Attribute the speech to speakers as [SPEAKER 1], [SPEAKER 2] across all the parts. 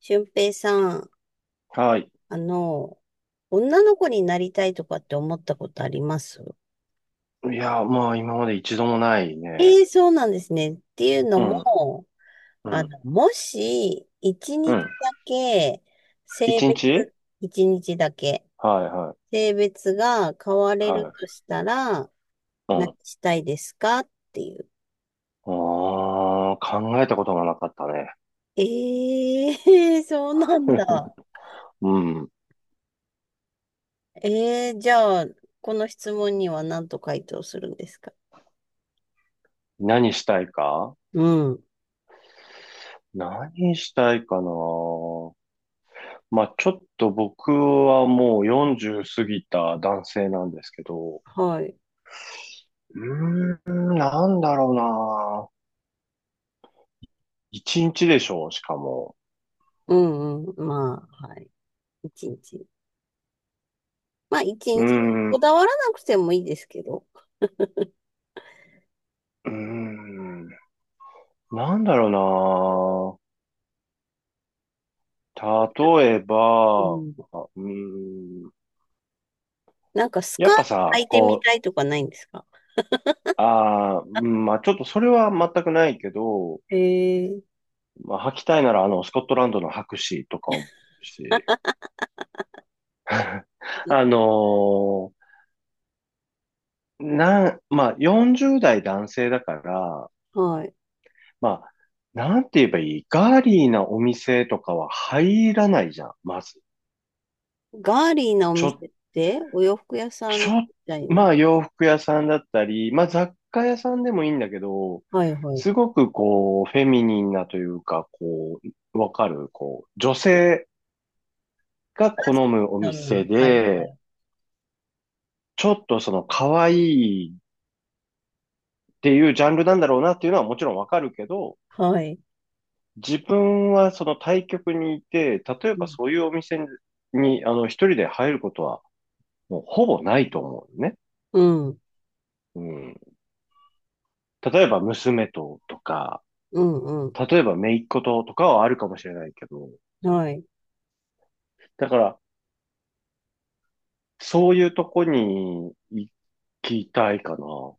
[SPEAKER 1] 俊平さん、
[SPEAKER 2] はい。
[SPEAKER 1] あの、女の子になりたいとかって思ったことあります？
[SPEAKER 2] いや、まあ、今まで一度もないね。
[SPEAKER 1] ええー、そうなんですね。っていうの
[SPEAKER 2] うん、
[SPEAKER 1] も、
[SPEAKER 2] うん、
[SPEAKER 1] もし、一
[SPEAKER 2] う
[SPEAKER 1] 日
[SPEAKER 2] ん。
[SPEAKER 1] だけ、性
[SPEAKER 2] 一
[SPEAKER 1] 別、
[SPEAKER 2] 日。
[SPEAKER 1] 一日だけ、
[SPEAKER 2] はい、
[SPEAKER 1] 性別が変われ
[SPEAKER 2] はい、は
[SPEAKER 1] ると
[SPEAKER 2] い。
[SPEAKER 1] したら、
[SPEAKER 2] う
[SPEAKER 1] 何
[SPEAKER 2] ん。
[SPEAKER 1] したいですかっていう。
[SPEAKER 2] ああ、考えたことがなかったね。
[SPEAKER 1] ええー そうなんだ。
[SPEAKER 2] うん。
[SPEAKER 1] ええー、じゃあ、この質問には何と回答するんですか？
[SPEAKER 2] 何したいか
[SPEAKER 1] うん。
[SPEAKER 2] 何したいかな。まあ、ちょっと僕はもう40過ぎた男性なんですけど、
[SPEAKER 1] はい。
[SPEAKER 2] うーん、なんだろうな。一日でしょう、しかも。
[SPEAKER 1] うんうん。まあ、はい。一日。まあ、一
[SPEAKER 2] うー
[SPEAKER 1] 日
[SPEAKER 2] ん、
[SPEAKER 1] こ
[SPEAKER 2] う
[SPEAKER 1] だわらなくてもいいですけど。
[SPEAKER 2] ーん、なんだろ。例え
[SPEAKER 1] う
[SPEAKER 2] ば、う
[SPEAKER 1] ん。
[SPEAKER 2] ーん、
[SPEAKER 1] なんか、ス
[SPEAKER 2] や
[SPEAKER 1] カー
[SPEAKER 2] っぱ
[SPEAKER 1] ト履
[SPEAKER 2] さ、
[SPEAKER 1] いてみ
[SPEAKER 2] こう、
[SPEAKER 1] たいとかないんですか？
[SPEAKER 2] あー、うん、まあ、ちょっとそれは全くないけど、
[SPEAKER 1] へえ。
[SPEAKER 2] まあ、履きたいならスコットランドの白紙とか思うし、あのーなん、まあ、40代男性だから、
[SPEAKER 1] はい。
[SPEAKER 2] まあ、なんて言えばいい、ガーリーなお店とかは入らないじゃん、まず。
[SPEAKER 1] ガーリーなお
[SPEAKER 2] ちょっ
[SPEAKER 1] 店って、お洋服屋さん
[SPEAKER 2] ち
[SPEAKER 1] み
[SPEAKER 2] ょっ、
[SPEAKER 1] たい
[SPEAKER 2] ま
[SPEAKER 1] な。
[SPEAKER 2] あ、洋服屋さんだったり、まあ、雑貨屋さんでもいいんだけど、
[SPEAKER 1] はいはい。
[SPEAKER 2] すごくこう、フェミニンなというか、こう、わかる、こう、女性が好むお
[SPEAKER 1] 旦那。
[SPEAKER 2] 店
[SPEAKER 1] はいは
[SPEAKER 2] で、
[SPEAKER 1] い。
[SPEAKER 2] ちょっとその可愛いっていうジャンルなんだろうなっていうのはもちろんわかるけど、
[SPEAKER 1] はい。
[SPEAKER 2] 自分はその対局にいて、例え
[SPEAKER 1] う
[SPEAKER 2] ば
[SPEAKER 1] ん。
[SPEAKER 2] そういうお店に、一人で入ることはもうほぼないと思うね。
[SPEAKER 1] うん
[SPEAKER 2] うん。例えば娘ととか、
[SPEAKER 1] うんう
[SPEAKER 2] 例えば、姪っ子ととかはあるかもしれないけど、
[SPEAKER 1] ん。はい。
[SPEAKER 2] だから、そういうとこに行きたいかな。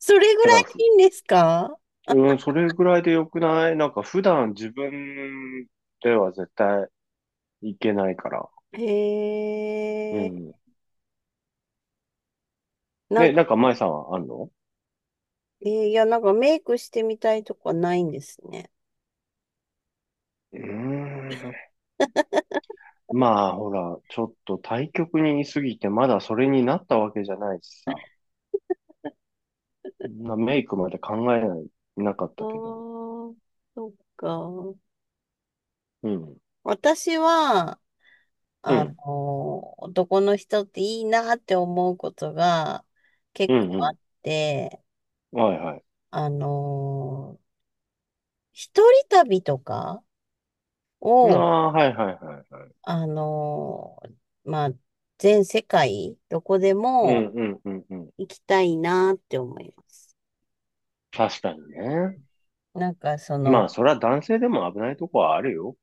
[SPEAKER 1] それぐ
[SPEAKER 2] だか
[SPEAKER 1] らい
[SPEAKER 2] ら、ふ
[SPEAKER 1] でいいんですか？
[SPEAKER 2] うん、それぐらいでよくない？なんか、普段自分では絶対行けないから。
[SPEAKER 1] へ
[SPEAKER 2] う
[SPEAKER 1] え。
[SPEAKER 2] ん。
[SPEAKER 1] なん
[SPEAKER 2] ね、な
[SPEAKER 1] か
[SPEAKER 2] んか、前
[SPEAKER 1] こ
[SPEAKER 2] さんはあんの？
[SPEAKER 1] う、いや、なんかメイクしてみたいとかないんですね。
[SPEAKER 2] うーん。まあ、ほら、ちょっと対極にいすぎて、まだそれになったわけじゃないしさ。メイクまで考えなかっ
[SPEAKER 1] あ
[SPEAKER 2] たけど。
[SPEAKER 1] ー、そっか。
[SPEAKER 2] うん。
[SPEAKER 1] 私は、
[SPEAKER 2] うん。
[SPEAKER 1] 男の人っていいなって思うことが
[SPEAKER 2] う
[SPEAKER 1] 結構
[SPEAKER 2] ん、う
[SPEAKER 1] あ
[SPEAKER 2] ん。
[SPEAKER 1] って、
[SPEAKER 2] はいはい。
[SPEAKER 1] あの、一人旅とか
[SPEAKER 2] あ
[SPEAKER 1] を、
[SPEAKER 2] あ、はいはいはいはい。
[SPEAKER 1] あの、まあ、全世界、どこで
[SPEAKER 2] うん
[SPEAKER 1] も
[SPEAKER 2] うんうんうん。
[SPEAKER 1] 行きたいなって思います。
[SPEAKER 2] 確かにね。
[SPEAKER 1] なんかそ
[SPEAKER 2] まあ、
[SPEAKER 1] の、
[SPEAKER 2] それは男性でも危ないとこはあるよ。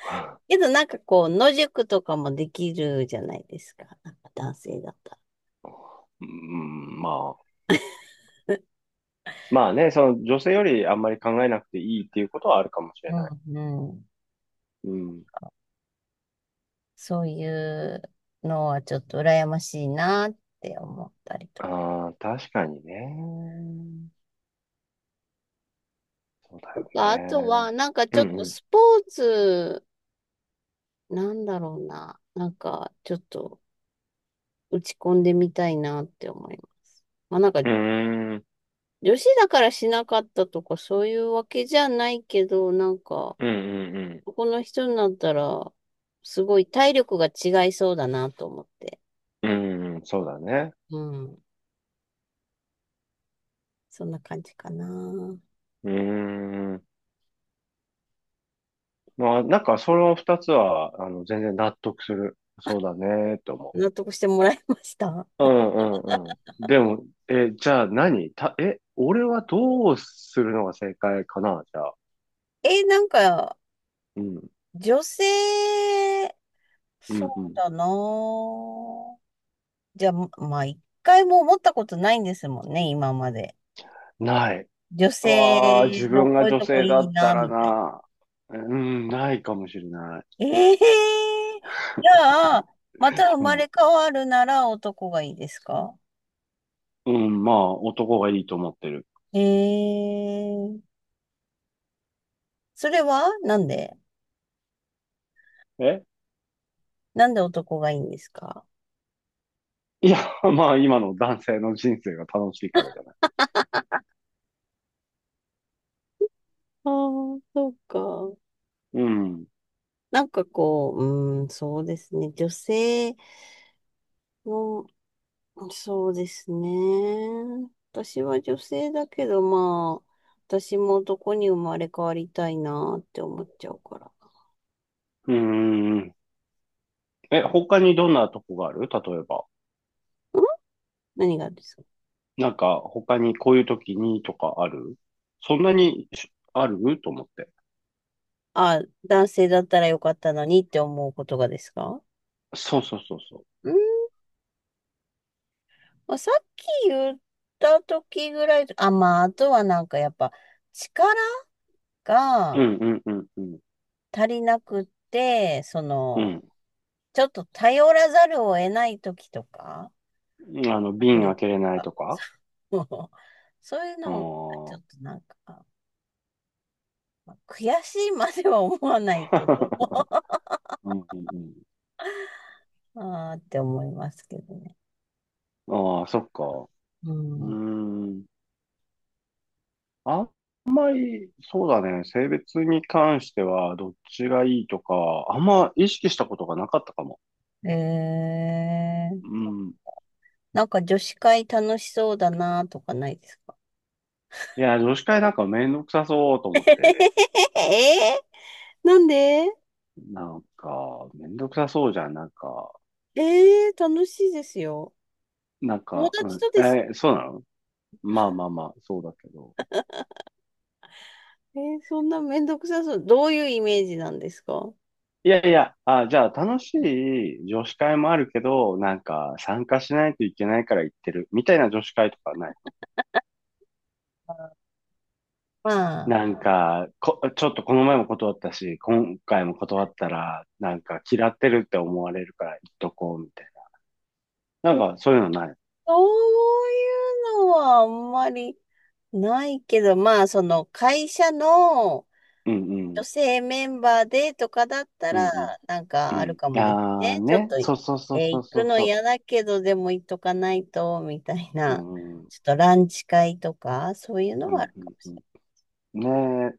[SPEAKER 1] けどなんかこう、野宿とかもできるじゃないですか。なんか男性だったら。
[SPEAKER 2] うん、まあ。まあね、その女性よりあんまり考えなくていいっていうことはあるかもしれ
[SPEAKER 1] う
[SPEAKER 2] ない。
[SPEAKER 1] んうん。
[SPEAKER 2] うん。
[SPEAKER 1] そういうのはちょっと羨ましいなって思ったりとか。
[SPEAKER 2] ああ、確かにね。そうだよ
[SPEAKER 1] あとは、
[SPEAKER 2] ね。
[SPEAKER 1] なんかち
[SPEAKER 2] う
[SPEAKER 1] ょっと
[SPEAKER 2] ん
[SPEAKER 1] スポーツ、なんだろうな。なんかちょっと打ち込んでみたいなって思います。まあなんか
[SPEAKER 2] うん。うーん。
[SPEAKER 1] 女子だからしなかったとかそういうわけじゃないけど、なんか
[SPEAKER 2] うんうん
[SPEAKER 1] ここの人になったらすごい体力が違いそうだなと思って。
[SPEAKER 2] うん。うん、そうだね。
[SPEAKER 1] うん。そんな感じかな。
[SPEAKER 2] うーん。まあ、なんかその二つは、全然納得する。そうだね、と思う。
[SPEAKER 1] 納得してもらいました。
[SPEAKER 2] うんうんうん。でも、じゃあ、何た、え、俺はどうするのが正解かな、じゃあ。
[SPEAKER 1] え、なんか、
[SPEAKER 2] うん、
[SPEAKER 1] 女性、
[SPEAKER 2] う
[SPEAKER 1] そ
[SPEAKER 2] ん、う
[SPEAKER 1] う
[SPEAKER 2] ん。
[SPEAKER 1] だなぁ。じゃあ、まあ、一回も思ったことないんですもんね、今まで。
[SPEAKER 2] ない。
[SPEAKER 1] 女
[SPEAKER 2] うわあ、
[SPEAKER 1] 性
[SPEAKER 2] 自
[SPEAKER 1] の
[SPEAKER 2] 分
[SPEAKER 1] こ
[SPEAKER 2] が
[SPEAKER 1] ういう
[SPEAKER 2] 女
[SPEAKER 1] とこ
[SPEAKER 2] 性だ
[SPEAKER 1] いい
[SPEAKER 2] った
[SPEAKER 1] な、
[SPEAKER 2] ら
[SPEAKER 1] みたい
[SPEAKER 2] な。うん、ないかもしれない。
[SPEAKER 1] な。ええー、じゃあ、また生
[SPEAKER 2] う
[SPEAKER 1] まれ
[SPEAKER 2] ん。
[SPEAKER 1] 変わるなら男がいいですか？
[SPEAKER 2] うん、まあ、男がいいと思ってる。
[SPEAKER 1] ええー、それはなんで？
[SPEAKER 2] え
[SPEAKER 1] なんで男がいいんですか？
[SPEAKER 2] いや、まあ、今の男性の人生が楽しいからじゃない。
[SPEAKER 1] ああー、そうか。
[SPEAKER 2] うん。
[SPEAKER 1] なんかこう、うーん、そうですね。女性の、そうですね。私は女性だけど、まあ、私も男に生まれ変わりたいなって思っちゃうから。
[SPEAKER 2] うん。他にどんなとこがある、例えば。
[SPEAKER 1] ん？何がですか？
[SPEAKER 2] なんか、他にこういう時にとかある、そんなにしあると思って。
[SPEAKER 1] あ、男性だったらよかったのにって思うことがですか？
[SPEAKER 2] そうそうそうそ
[SPEAKER 1] うん、まあ、さっき言った時ぐらい、あ、まあ、あとはなんかやっぱ力
[SPEAKER 2] う。う
[SPEAKER 1] が
[SPEAKER 2] んうんうんうん。
[SPEAKER 1] 足りなくって、
[SPEAKER 2] うん。
[SPEAKER 1] ちょっと頼らざるを得ない時とか、
[SPEAKER 2] うん、
[SPEAKER 1] 迫
[SPEAKER 2] 瓶
[SPEAKER 1] 力
[SPEAKER 2] 開
[SPEAKER 1] と
[SPEAKER 2] けれない
[SPEAKER 1] か、
[SPEAKER 2] とか。
[SPEAKER 1] そうそういう
[SPEAKER 2] あ
[SPEAKER 1] のを、ちょ
[SPEAKER 2] あー
[SPEAKER 1] っとなんか、まあ悔しいまでは思わないけど、
[SPEAKER 2] うんうん
[SPEAKER 1] あーって思いますけどね。
[SPEAKER 2] うん。ああ、そっか。
[SPEAKER 1] う
[SPEAKER 2] うー
[SPEAKER 1] ん。
[SPEAKER 2] ん。あんまり、そうだね。性別に関しては、どっちがいいとか、あんま意識したことがなかったかも。
[SPEAKER 1] えー、
[SPEAKER 2] うん。い
[SPEAKER 1] なんか女子会楽しそうだなとかないですか？
[SPEAKER 2] や、女子会なんかめんどくさそうと
[SPEAKER 1] えー、
[SPEAKER 2] 思って。
[SPEAKER 1] なんで？
[SPEAKER 2] なんか、めんどくさそうじゃん。なんか、
[SPEAKER 1] えー、楽しいですよ。
[SPEAKER 2] なん
[SPEAKER 1] 友
[SPEAKER 2] か、う
[SPEAKER 1] 達
[SPEAKER 2] ん。
[SPEAKER 1] とです。
[SPEAKER 2] そうなの？まあまあまあ、そうだけど。
[SPEAKER 1] えー、そんなめんどくさそう。どういうイメージなんですか？
[SPEAKER 2] いやいや、あ、じゃあ楽しい女子会もあるけど、なんか参加しないといけないから行ってるみたいな女子会とかないの？
[SPEAKER 1] まあ、
[SPEAKER 2] なんか、ちょっとこの前も断ったし、今回も断ったら、なんか嫌ってるって思われるから行っとこうみたいな。なんかそういうのない？
[SPEAKER 1] そういうのはあんまりないけど、まあ、その会社の
[SPEAKER 2] うんう
[SPEAKER 1] 女
[SPEAKER 2] ん。
[SPEAKER 1] 性メンバーでとかだった
[SPEAKER 2] うん
[SPEAKER 1] ら、
[SPEAKER 2] うん。
[SPEAKER 1] なん
[SPEAKER 2] う
[SPEAKER 1] かある
[SPEAKER 2] ん。
[SPEAKER 1] かもです
[SPEAKER 2] ああ
[SPEAKER 1] ね。ちょっ
[SPEAKER 2] ね。
[SPEAKER 1] と、え
[SPEAKER 2] そうそうそ
[SPEAKER 1] ー
[SPEAKER 2] うそう
[SPEAKER 1] 行
[SPEAKER 2] そ
[SPEAKER 1] く
[SPEAKER 2] う
[SPEAKER 1] の
[SPEAKER 2] そ
[SPEAKER 1] 嫌だけど、でも行っとかないと、みたい
[SPEAKER 2] う。う
[SPEAKER 1] な、
[SPEAKER 2] んうん。
[SPEAKER 1] ちょっとランチ会とか、そういうの
[SPEAKER 2] うん
[SPEAKER 1] はある
[SPEAKER 2] う
[SPEAKER 1] かもし
[SPEAKER 2] んうん。ね、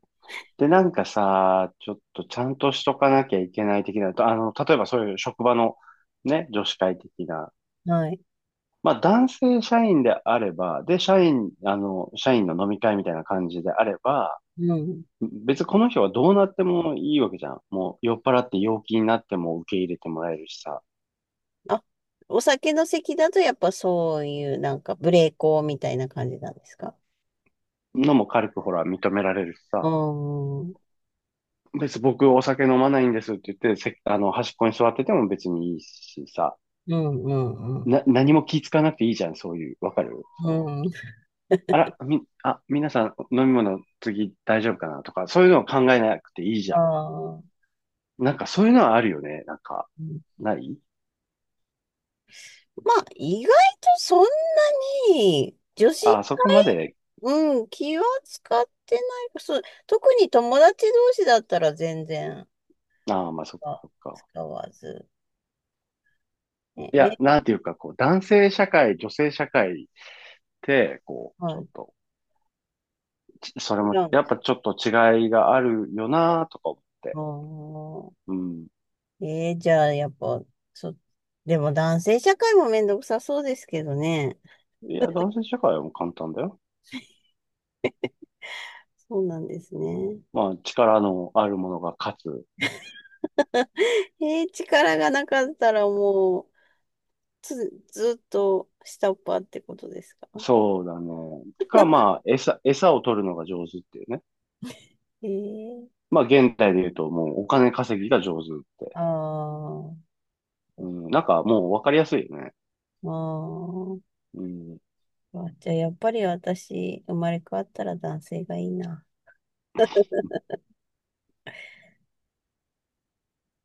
[SPEAKER 2] で、なんかさ、ちょっとちゃんとしとかなきゃいけない的な、と例えばそういう職場のね、女子会的な、
[SPEAKER 1] れない。はい。
[SPEAKER 2] まあ、男性社員であれば、で、社員の飲み会みたいな感じであれば、
[SPEAKER 1] うん。
[SPEAKER 2] 別にこの人はどうなってもいいわけじゃん。もう酔っ払って陽気になっても受け入れてもらえるしさ、
[SPEAKER 1] あ、お酒の席だと、やっぱそういう、なんか、無礼講みたいな感じなんですか？
[SPEAKER 2] のも軽くほら認められるし
[SPEAKER 1] う
[SPEAKER 2] さ、
[SPEAKER 1] ん。うん、
[SPEAKER 2] 別に僕お酒飲まないんですって言って、せあの、端っこに座ってても別にいいしさ、
[SPEAKER 1] うん、うん。
[SPEAKER 2] 何も気ぃつかなくていいじゃん、そういう、わかる？そ
[SPEAKER 1] う
[SPEAKER 2] の、
[SPEAKER 1] ん。
[SPEAKER 2] あら、み、あ、皆さん飲み物次大丈夫かなとか、そういうのを考えなくていいじ
[SPEAKER 1] あ
[SPEAKER 2] ゃ
[SPEAKER 1] あ。
[SPEAKER 2] ん。なんかそういうのはあるよね。なんか、
[SPEAKER 1] ま
[SPEAKER 2] ない。
[SPEAKER 1] あ、意外とそんなに女子会、
[SPEAKER 2] あ、そこまで、
[SPEAKER 1] うん、気は使ってない。そう、特に友達同士だったら全然
[SPEAKER 2] ああ、まあ、そっ
[SPEAKER 1] あ
[SPEAKER 2] かそっか。
[SPEAKER 1] 使わず。ね、
[SPEAKER 2] いや、
[SPEAKER 1] め、
[SPEAKER 2] なんていうか、こう、男性社会、女性社会って、こう、ち
[SPEAKER 1] は
[SPEAKER 2] ょっ
[SPEAKER 1] い。
[SPEAKER 2] と、それ
[SPEAKER 1] 違
[SPEAKER 2] も、
[SPEAKER 1] うんで
[SPEAKER 2] やっ
[SPEAKER 1] す
[SPEAKER 2] ぱちょっと違いがあるよなとか思って。
[SPEAKER 1] あー、
[SPEAKER 2] うん。
[SPEAKER 1] じゃあ、やっぱ、そ、でも男性社会もめんどくさそうですけどね。
[SPEAKER 2] いや、男性社会はもう簡単だよ。
[SPEAKER 1] そうなんですね。
[SPEAKER 2] まあ、力のあるものが勝つ。
[SPEAKER 1] 力がなかったらもう、つ、ずっと下っ端ってことですか？
[SPEAKER 2] そうだね。まあ、餌を取るのが上手っていうね。
[SPEAKER 1] えー、
[SPEAKER 2] まあ、現代で言うと、もうお金稼ぎが上手って。
[SPEAKER 1] ああ、
[SPEAKER 2] うん、なんかもうわかりやすいよね。
[SPEAKER 1] ま
[SPEAKER 2] うん。
[SPEAKER 1] あ、じゃあやっぱり私、生まれ変わったら男性がいいな。